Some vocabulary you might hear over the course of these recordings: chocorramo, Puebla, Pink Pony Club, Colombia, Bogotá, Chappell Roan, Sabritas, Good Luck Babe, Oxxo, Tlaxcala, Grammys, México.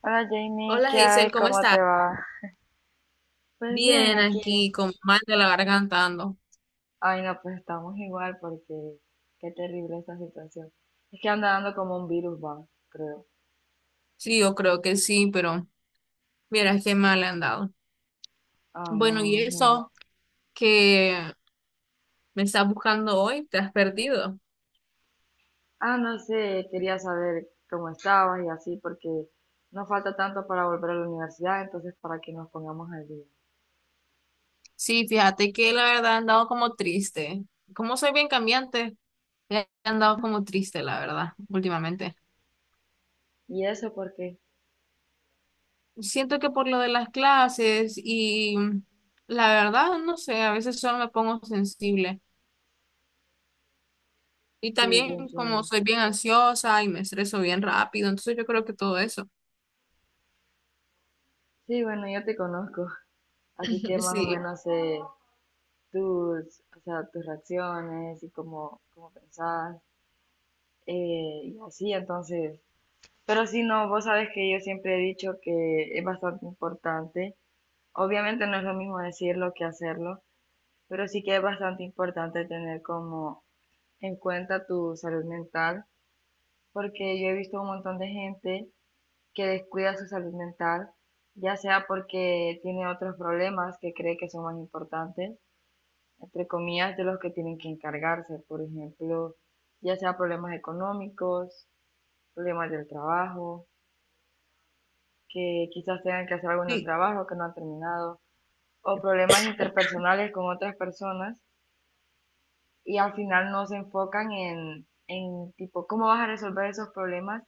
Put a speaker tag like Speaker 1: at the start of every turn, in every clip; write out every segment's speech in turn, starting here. Speaker 1: Hola Jamie,
Speaker 2: Hola
Speaker 1: ¿qué hay?
Speaker 2: Hazel, ¿cómo
Speaker 1: ¿Cómo te
Speaker 2: estás?
Speaker 1: va? Pues bien,
Speaker 2: Bien,
Speaker 1: aquí.
Speaker 2: aquí con mal de la gargantando.
Speaker 1: Ay, no, pues estamos igual porque qué terrible esta situación. Es que anda dando como un virus, va, creo.
Speaker 2: Sí, yo creo que sí, pero mira qué mal le han dado.
Speaker 1: Ay, no
Speaker 2: Bueno,
Speaker 1: me
Speaker 2: y
Speaker 1: imagino.
Speaker 2: eso que me estás buscando hoy, te has perdido.
Speaker 1: No sé, quería saber cómo estabas y así porque no falta tanto para volver a la universidad, entonces para que nos pongamos al día.
Speaker 2: Sí, fíjate que la verdad han dado como triste. Como soy bien cambiante, he andado como triste, la verdad, últimamente.
Speaker 1: ¿Y eso por qué?
Speaker 2: Siento que por lo de las clases y la verdad, no sé, a veces solo me pongo sensible. Y
Speaker 1: Sí, te
Speaker 2: también como
Speaker 1: entiendo.
Speaker 2: soy bien ansiosa y me estreso bien rápido, entonces yo creo que todo eso.
Speaker 1: Sí, bueno, yo te conozco, así que más o
Speaker 2: Sí,
Speaker 1: menos sé tus, o sea, tus reacciones y cómo pensás y así, entonces, pero si no, vos sabes que yo siempre he dicho que es bastante importante. Obviamente no es lo mismo decirlo que hacerlo, pero sí que es bastante importante tener como en cuenta tu salud mental, porque yo he visto un montón de gente que descuida su salud mental, ya sea porque tiene otros problemas que cree que son más importantes, entre comillas, de los que tienen que encargarse, por ejemplo, ya sea problemas económicos, problemas del trabajo que quizás tengan que hacer algún
Speaker 2: sí,
Speaker 1: trabajo que no han terminado, o problemas interpersonales con otras personas, y al final no se enfocan en tipo, ¿cómo vas a resolver esos problemas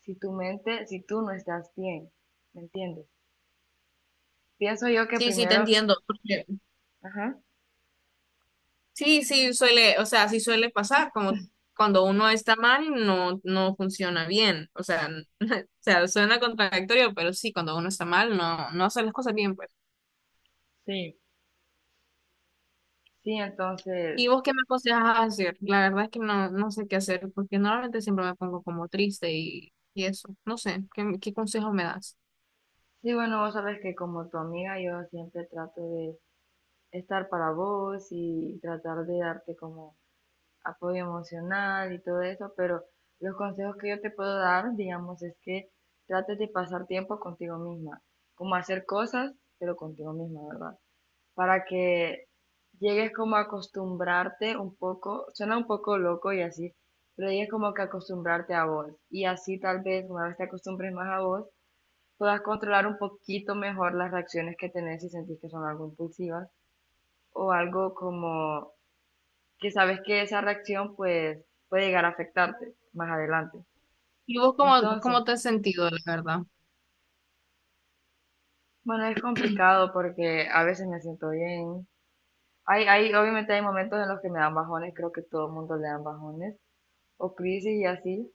Speaker 1: si tu mente, si tú no estás bien? ¿Me entiendes? Pienso yo que
Speaker 2: sí, te
Speaker 1: primero,
Speaker 2: entiendo. Porque
Speaker 1: ajá.
Speaker 2: sí, sí, suele, o sea, sí suele pasar, como cuando uno está mal, no, no funciona bien. O sea, o sea, suena contradictorio, pero sí, cuando uno está mal, no, no hace las cosas bien, pues.
Speaker 1: Sí, sí, entonces,
Speaker 2: ¿Y vos qué me aconsejas hacer? La verdad es que no, no sé qué hacer, porque normalmente siempre me pongo como triste y eso. No sé, ¿qué, qué consejo me das?
Speaker 1: sí, bueno, vos sabes que como tu amiga yo siempre trato de estar para vos y tratar de darte como apoyo emocional y todo eso, pero los consejos que yo te puedo dar, digamos, es que trates de pasar tiempo contigo misma, como hacer cosas, pero contigo misma, ¿verdad? Para que llegues como a acostumbrarte un poco, suena un poco loco y así, pero llegues como que a acostumbrarte a vos. Y así tal vez una vez te acostumbres más a vos, puedas controlar un poquito mejor las reacciones que tenés si sentís que son algo impulsivas o algo como que sabes que esa reacción pues puede llegar a afectarte más adelante.
Speaker 2: ¿Y vos cómo,
Speaker 1: Entonces,
Speaker 2: cómo te has sentido, la verdad?
Speaker 1: bueno, es complicado porque a veces me siento bien. Obviamente hay momentos en los que me dan bajones, creo que todo el mundo le dan bajones, o crisis y así,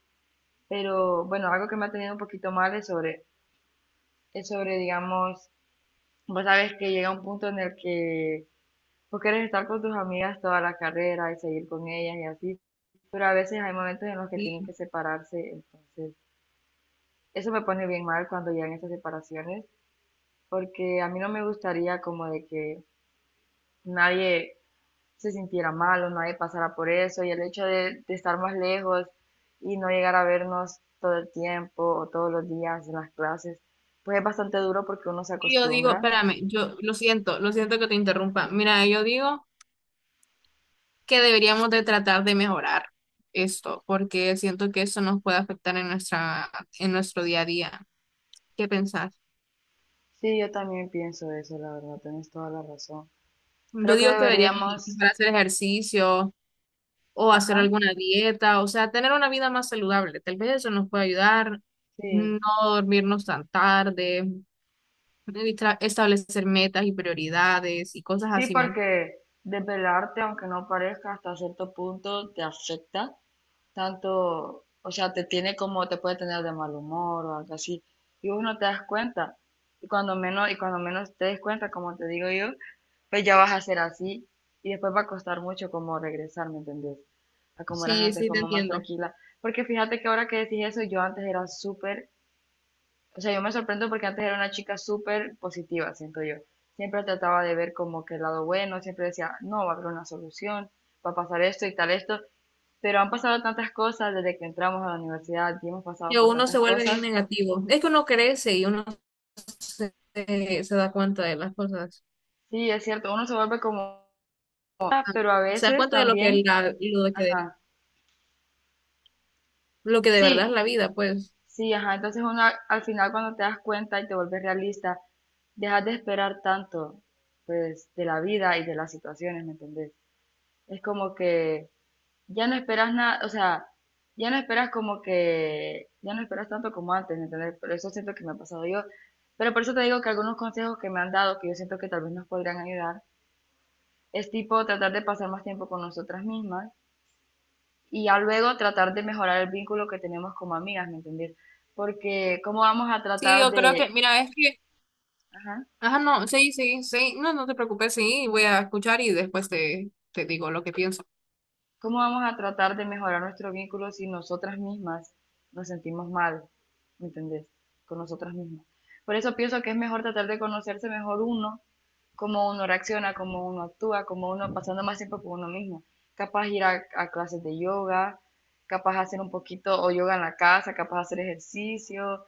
Speaker 1: pero bueno, algo que me ha tenido un poquito mal es sobre, digamos, vos sabes que llega un punto en el que vos querés estar con tus amigas toda la carrera y seguir con ellas y así, pero a veces hay momentos en los que tienen que separarse, entonces eso me pone bien mal cuando llegan esas separaciones, porque a mí no me gustaría como de que nadie se sintiera mal o nadie pasara por eso, y el hecho de estar más lejos y no llegar a vernos todo el tiempo o todos los días en las clases, pues es bastante duro porque uno se
Speaker 2: Yo digo,
Speaker 1: acostumbra.
Speaker 2: espérame, yo lo siento que te interrumpa. Mira, yo digo que deberíamos de tratar de mejorar esto, porque siento que eso nos puede afectar en nuestra, en nuestro día a día. ¿Qué pensás?
Speaker 1: Sí, yo también pienso eso, la verdad, tienes toda la razón.
Speaker 2: Yo
Speaker 1: Creo que
Speaker 2: digo que deberíamos de
Speaker 1: deberíamos,
Speaker 2: empezar a hacer ejercicio o hacer
Speaker 1: ajá,
Speaker 2: alguna dieta, o sea, tener una vida más saludable. Tal vez eso nos puede ayudar,
Speaker 1: sí,
Speaker 2: no dormirnos tan tarde, establecer metas y prioridades y cosas
Speaker 1: sí,
Speaker 2: así, ¿me entiendes?
Speaker 1: porque desvelarte, aunque no parezca, hasta cierto punto te afecta tanto, o sea, te tiene como, te puede tener de mal humor o algo así. Y uno te das cuenta. Y cuando menos te des cuenta, como te digo yo, pues ya vas a ser así. Y después va a costar mucho como regresar, ¿me entendés? A como eras
Speaker 2: Sí,
Speaker 1: antes,
Speaker 2: sí, te
Speaker 1: como más
Speaker 2: entiendo.
Speaker 1: tranquila. Porque fíjate que ahora que decís eso, yo antes era súper, o sea, yo me sorprendo porque antes era una chica súper positiva, siento yo. Siempre trataba de ver como que el lado bueno, siempre decía, no, va a haber una solución, va a pasar esto y tal esto, pero han pasado tantas cosas desde que entramos a la universidad y hemos pasado
Speaker 2: Que
Speaker 1: por
Speaker 2: uno se
Speaker 1: tantas
Speaker 2: vuelve bien
Speaker 1: cosas.
Speaker 2: negativo. Es que uno crece y uno se, se da cuenta de las cosas.
Speaker 1: Sí, es cierto, uno se vuelve como, pero a
Speaker 2: Se da
Speaker 1: veces
Speaker 2: cuenta de lo que,
Speaker 1: también,
Speaker 2: la, lo que,
Speaker 1: ajá,
Speaker 2: lo que de verdad es la
Speaker 1: sí,
Speaker 2: vida, pues.
Speaker 1: sí, ajá, entonces uno al final cuando te das cuenta y te vuelves realista, dejas de esperar tanto, pues, de la vida y de las situaciones, ¿me entendés? Es como que ya no esperas nada, o sea, ya no esperas como que, ya no esperas tanto como antes, ¿me entendés? Pero eso siento que me ha pasado yo. Pero por eso te digo que algunos consejos que me han dado, que yo siento que tal vez nos podrían ayudar, es tipo tratar de pasar más tiempo con nosotras mismas y ya luego tratar de mejorar el vínculo que tenemos como amigas, ¿me entendés? Porque cómo vamos a
Speaker 2: Sí,
Speaker 1: tratar
Speaker 2: yo creo que,
Speaker 1: de,
Speaker 2: mira, es que,
Speaker 1: ajá.
Speaker 2: ajá, no, sí, sí, sí, no, no te preocupes, sí, voy a escuchar y después te, te digo lo que pienso.
Speaker 1: ¿Cómo vamos a tratar de mejorar nuestro vínculo si nosotras mismas nos sentimos mal? ¿Me entendés? Con nosotras mismas. Por eso pienso que es mejor tratar de conocerse mejor uno, cómo uno reacciona, cómo uno actúa, cómo uno pasando más tiempo con uno mismo. Capaz ir a clases de yoga, capaz hacer un poquito o yoga en la casa, capaz hacer ejercicio,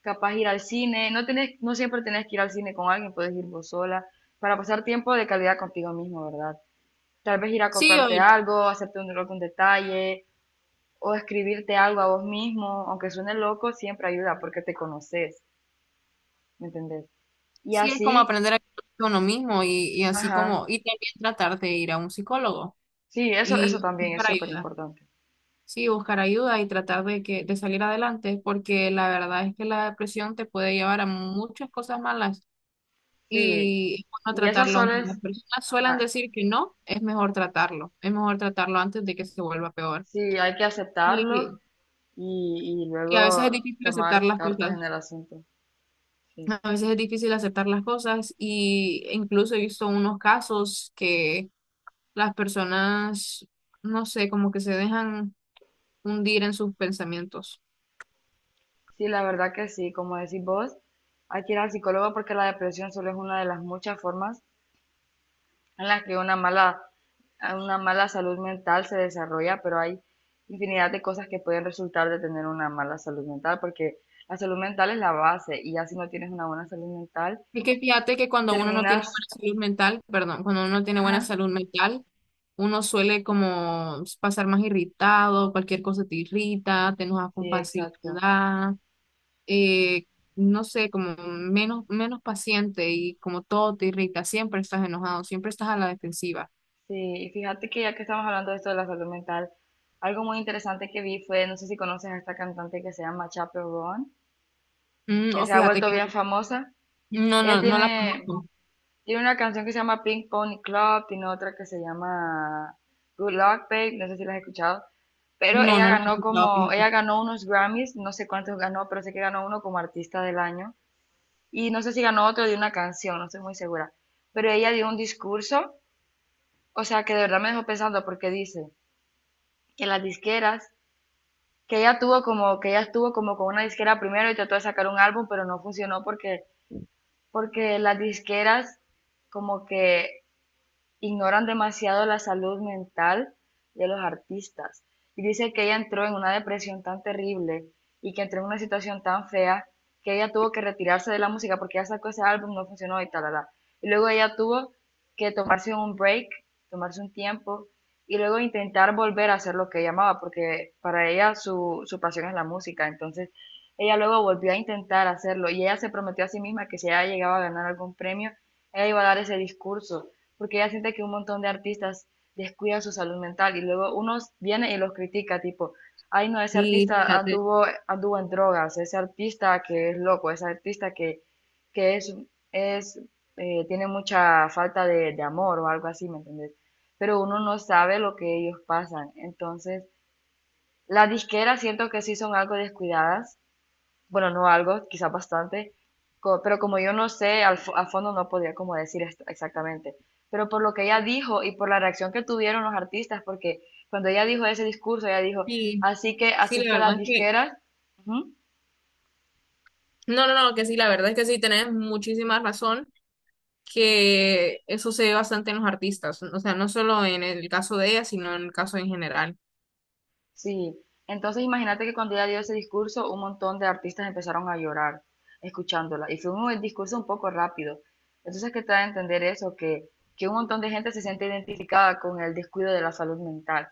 Speaker 1: capaz ir al cine. No tenés, no siempre tenés que ir al cine con alguien, puedes ir vos sola, para pasar tiempo de calidad contigo mismo, ¿verdad? Tal vez ir a
Speaker 2: Sí,
Speaker 1: comprarte algo, hacerte un, algún detalle o escribirte algo a vos mismo, aunque suene loco, siempre ayuda porque te conoces, ¿me entendés? Y
Speaker 2: sí, es como
Speaker 1: así,
Speaker 2: aprender a con lo mismo y así
Speaker 1: ajá,
Speaker 2: como, y también tratar de ir a un psicólogo
Speaker 1: sí, eso
Speaker 2: y
Speaker 1: también es
Speaker 2: para
Speaker 1: súper
Speaker 2: ayudar.
Speaker 1: importante,
Speaker 2: Sí, buscar ayuda y tratar de que de salir adelante, porque la verdad es que la depresión te puede llevar a muchas cosas malas
Speaker 1: sí.
Speaker 2: y es bueno
Speaker 1: Y eso
Speaker 2: tratarlo,
Speaker 1: solo
Speaker 2: aunque las
Speaker 1: es,
Speaker 2: personas suelen
Speaker 1: ajá,
Speaker 2: decir que no, es mejor tratarlo antes de que se vuelva peor.
Speaker 1: sí, hay que aceptarlo
Speaker 2: Y,
Speaker 1: y
Speaker 2: y a veces es
Speaker 1: luego
Speaker 2: difícil aceptar
Speaker 1: tomar
Speaker 2: las
Speaker 1: cartas en
Speaker 2: cosas,
Speaker 1: el asunto, sí.
Speaker 2: a veces es difícil aceptar las cosas y incluso he visto unos casos que las personas, no sé, como que se dejan hundir en sus pensamientos.
Speaker 1: Sí, la verdad que sí, como decís vos, hay que ir al psicólogo porque la depresión solo es una de las muchas formas en las que una mala salud mental se desarrolla, pero hay infinidad de cosas que pueden resultar de tener una mala salud mental, porque la salud mental es la base y ya si no tienes una buena salud mental,
Speaker 2: Es que fíjate que cuando uno no tiene
Speaker 1: terminas…
Speaker 2: buena salud mental, perdón, cuando uno no tiene buena
Speaker 1: Ajá,
Speaker 2: salud mental, uno suele como pasar más irritado, cualquier cosa te irrita, te enojas con
Speaker 1: sí, exacto.
Speaker 2: facilidad, eh, no sé, como menos, menos paciente y como todo te irrita, siempre estás enojado, siempre estás a la defensiva.
Speaker 1: Sí, y fíjate que ya que estamos hablando de esto de la salud mental, algo muy interesante que vi fue, no sé si conoces a esta cantante que se llama Chappell Roan,
Speaker 2: Mm,
Speaker 1: que
Speaker 2: o
Speaker 1: se ha
Speaker 2: fíjate
Speaker 1: vuelto
Speaker 2: que
Speaker 1: bien famosa.
Speaker 2: no,
Speaker 1: Ella
Speaker 2: no, no la
Speaker 1: tiene,
Speaker 2: conozco,
Speaker 1: tiene una canción que se llama Pink Pony Club, tiene otra que se llama Good Luck Babe, no sé si la has escuchado, pero
Speaker 2: no,
Speaker 1: ella
Speaker 2: no la he
Speaker 1: ganó
Speaker 2: escuchado,
Speaker 1: como,
Speaker 2: fíjate.
Speaker 1: ella ganó unos Grammys, no sé cuántos ganó, pero sé que ganó uno como artista del año, y no sé si ganó otro de una canción, no estoy muy segura, pero ella dio un discurso, o sea, que de verdad me dejó pensando porque dice que las disqueras, que ella tuvo como, que ella estuvo como con una disquera primero y trató de sacar un álbum, pero no funcionó porque las disqueras como que ignoran demasiado la salud mental de los artistas. Y dice que ella entró en una depresión tan terrible y que entró en una situación tan fea que ella tuvo que retirarse de la música porque ya sacó ese álbum, no funcionó y tal, tal, tal. Y luego ella tuvo que tomarse un break, tomarse un tiempo y luego intentar volver a hacer lo que ella amaba porque para ella su, su pasión es la música. Entonces ella luego volvió a intentar hacerlo y ella se prometió a sí misma que si ella llegaba a ganar algún premio, ella iba a dar ese discurso porque ella siente que un montón de artistas descuidan su salud mental y luego unos vienen y los critica, tipo, ay no, ese
Speaker 2: Sí,
Speaker 1: artista
Speaker 2: fíjate,
Speaker 1: anduvo en drogas, ese artista que es loco, ese artista que es, tiene mucha falta de amor o algo así, ¿me entiendes? Pero uno no sabe lo que ellos pasan. Entonces, las disqueras siento que sí son algo descuidadas, bueno, no algo, quizás bastante, pero como yo no sé, a fondo no podía como decir esto exactamente, pero por lo que ella dijo y por la reacción que tuvieron los artistas, porque cuando ella dijo ese discurso, ella dijo,
Speaker 2: sí,
Speaker 1: así que,
Speaker 2: sí,
Speaker 1: así que
Speaker 2: la
Speaker 1: las
Speaker 2: verdad es que,
Speaker 1: disqueras, ujú,
Speaker 2: no, no, no, que sí, la verdad es que sí, tenés muchísima razón. Que eso se ve bastante en los artistas, o sea, no solo en el caso de ella, sino en el caso en general.
Speaker 1: sí, entonces imagínate que cuando ella dio ese discurso, un montón de artistas empezaron a llorar escuchándola, y fue un discurso un poco rápido, entonces que te da a entender eso, que un montón de gente se siente identificada con el descuido de la salud mental.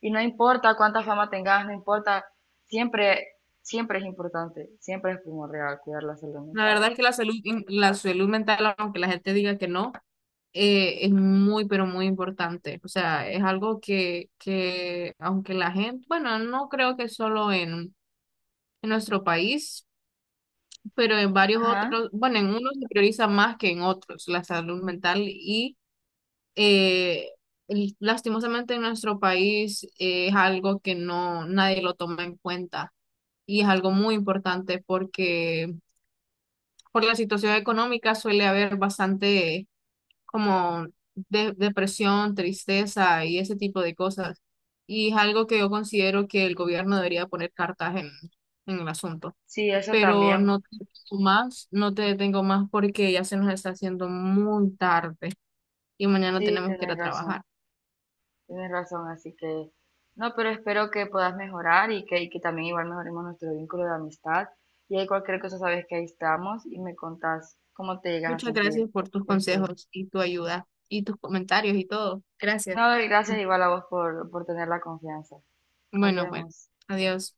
Speaker 1: Y no importa cuánta fama tengas, no importa, siempre, siempre es importante, siempre es primordial cuidar la salud
Speaker 2: La
Speaker 1: mental.
Speaker 2: verdad es que la salud mental, aunque la gente diga que no, es muy, pero muy importante. O sea, es algo que, aunque la gente, bueno, no creo que solo en nuestro país, pero en varios
Speaker 1: Ajá,
Speaker 2: otros, bueno, en unos se prioriza más que en otros la salud mental y eh, lastimosamente en nuestro país es algo que no nadie lo toma en cuenta y es algo muy importante porque por la situación económica suele haber bastante como depresión, tristeza y ese tipo de cosas. Y es algo que yo considero que el gobierno debería poner cartas en el asunto.
Speaker 1: sí, eso
Speaker 2: Pero
Speaker 1: también.
Speaker 2: no te detengo más, no te detengo más porque ya se nos está haciendo muy tarde y mañana
Speaker 1: Sí,
Speaker 2: tenemos que ir a trabajar.
Speaker 1: tienes razón, así que no, pero espero que puedas mejorar y que también igual mejoremos nuestro vínculo de amistad. Y ahí cualquier cosa sabes que ahí estamos y me contás cómo te llegas a
Speaker 2: Muchas
Speaker 1: sentir
Speaker 2: gracias por tus
Speaker 1: después.
Speaker 2: consejos y tu ayuda y tus comentarios y todo. Gracias.
Speaker 1: No, y gracias igual a vos por tener la confianza. Nos
Speaker 2: Bueno, bueno.
Speaker 1: vemos.
Speaker 2: Adiós.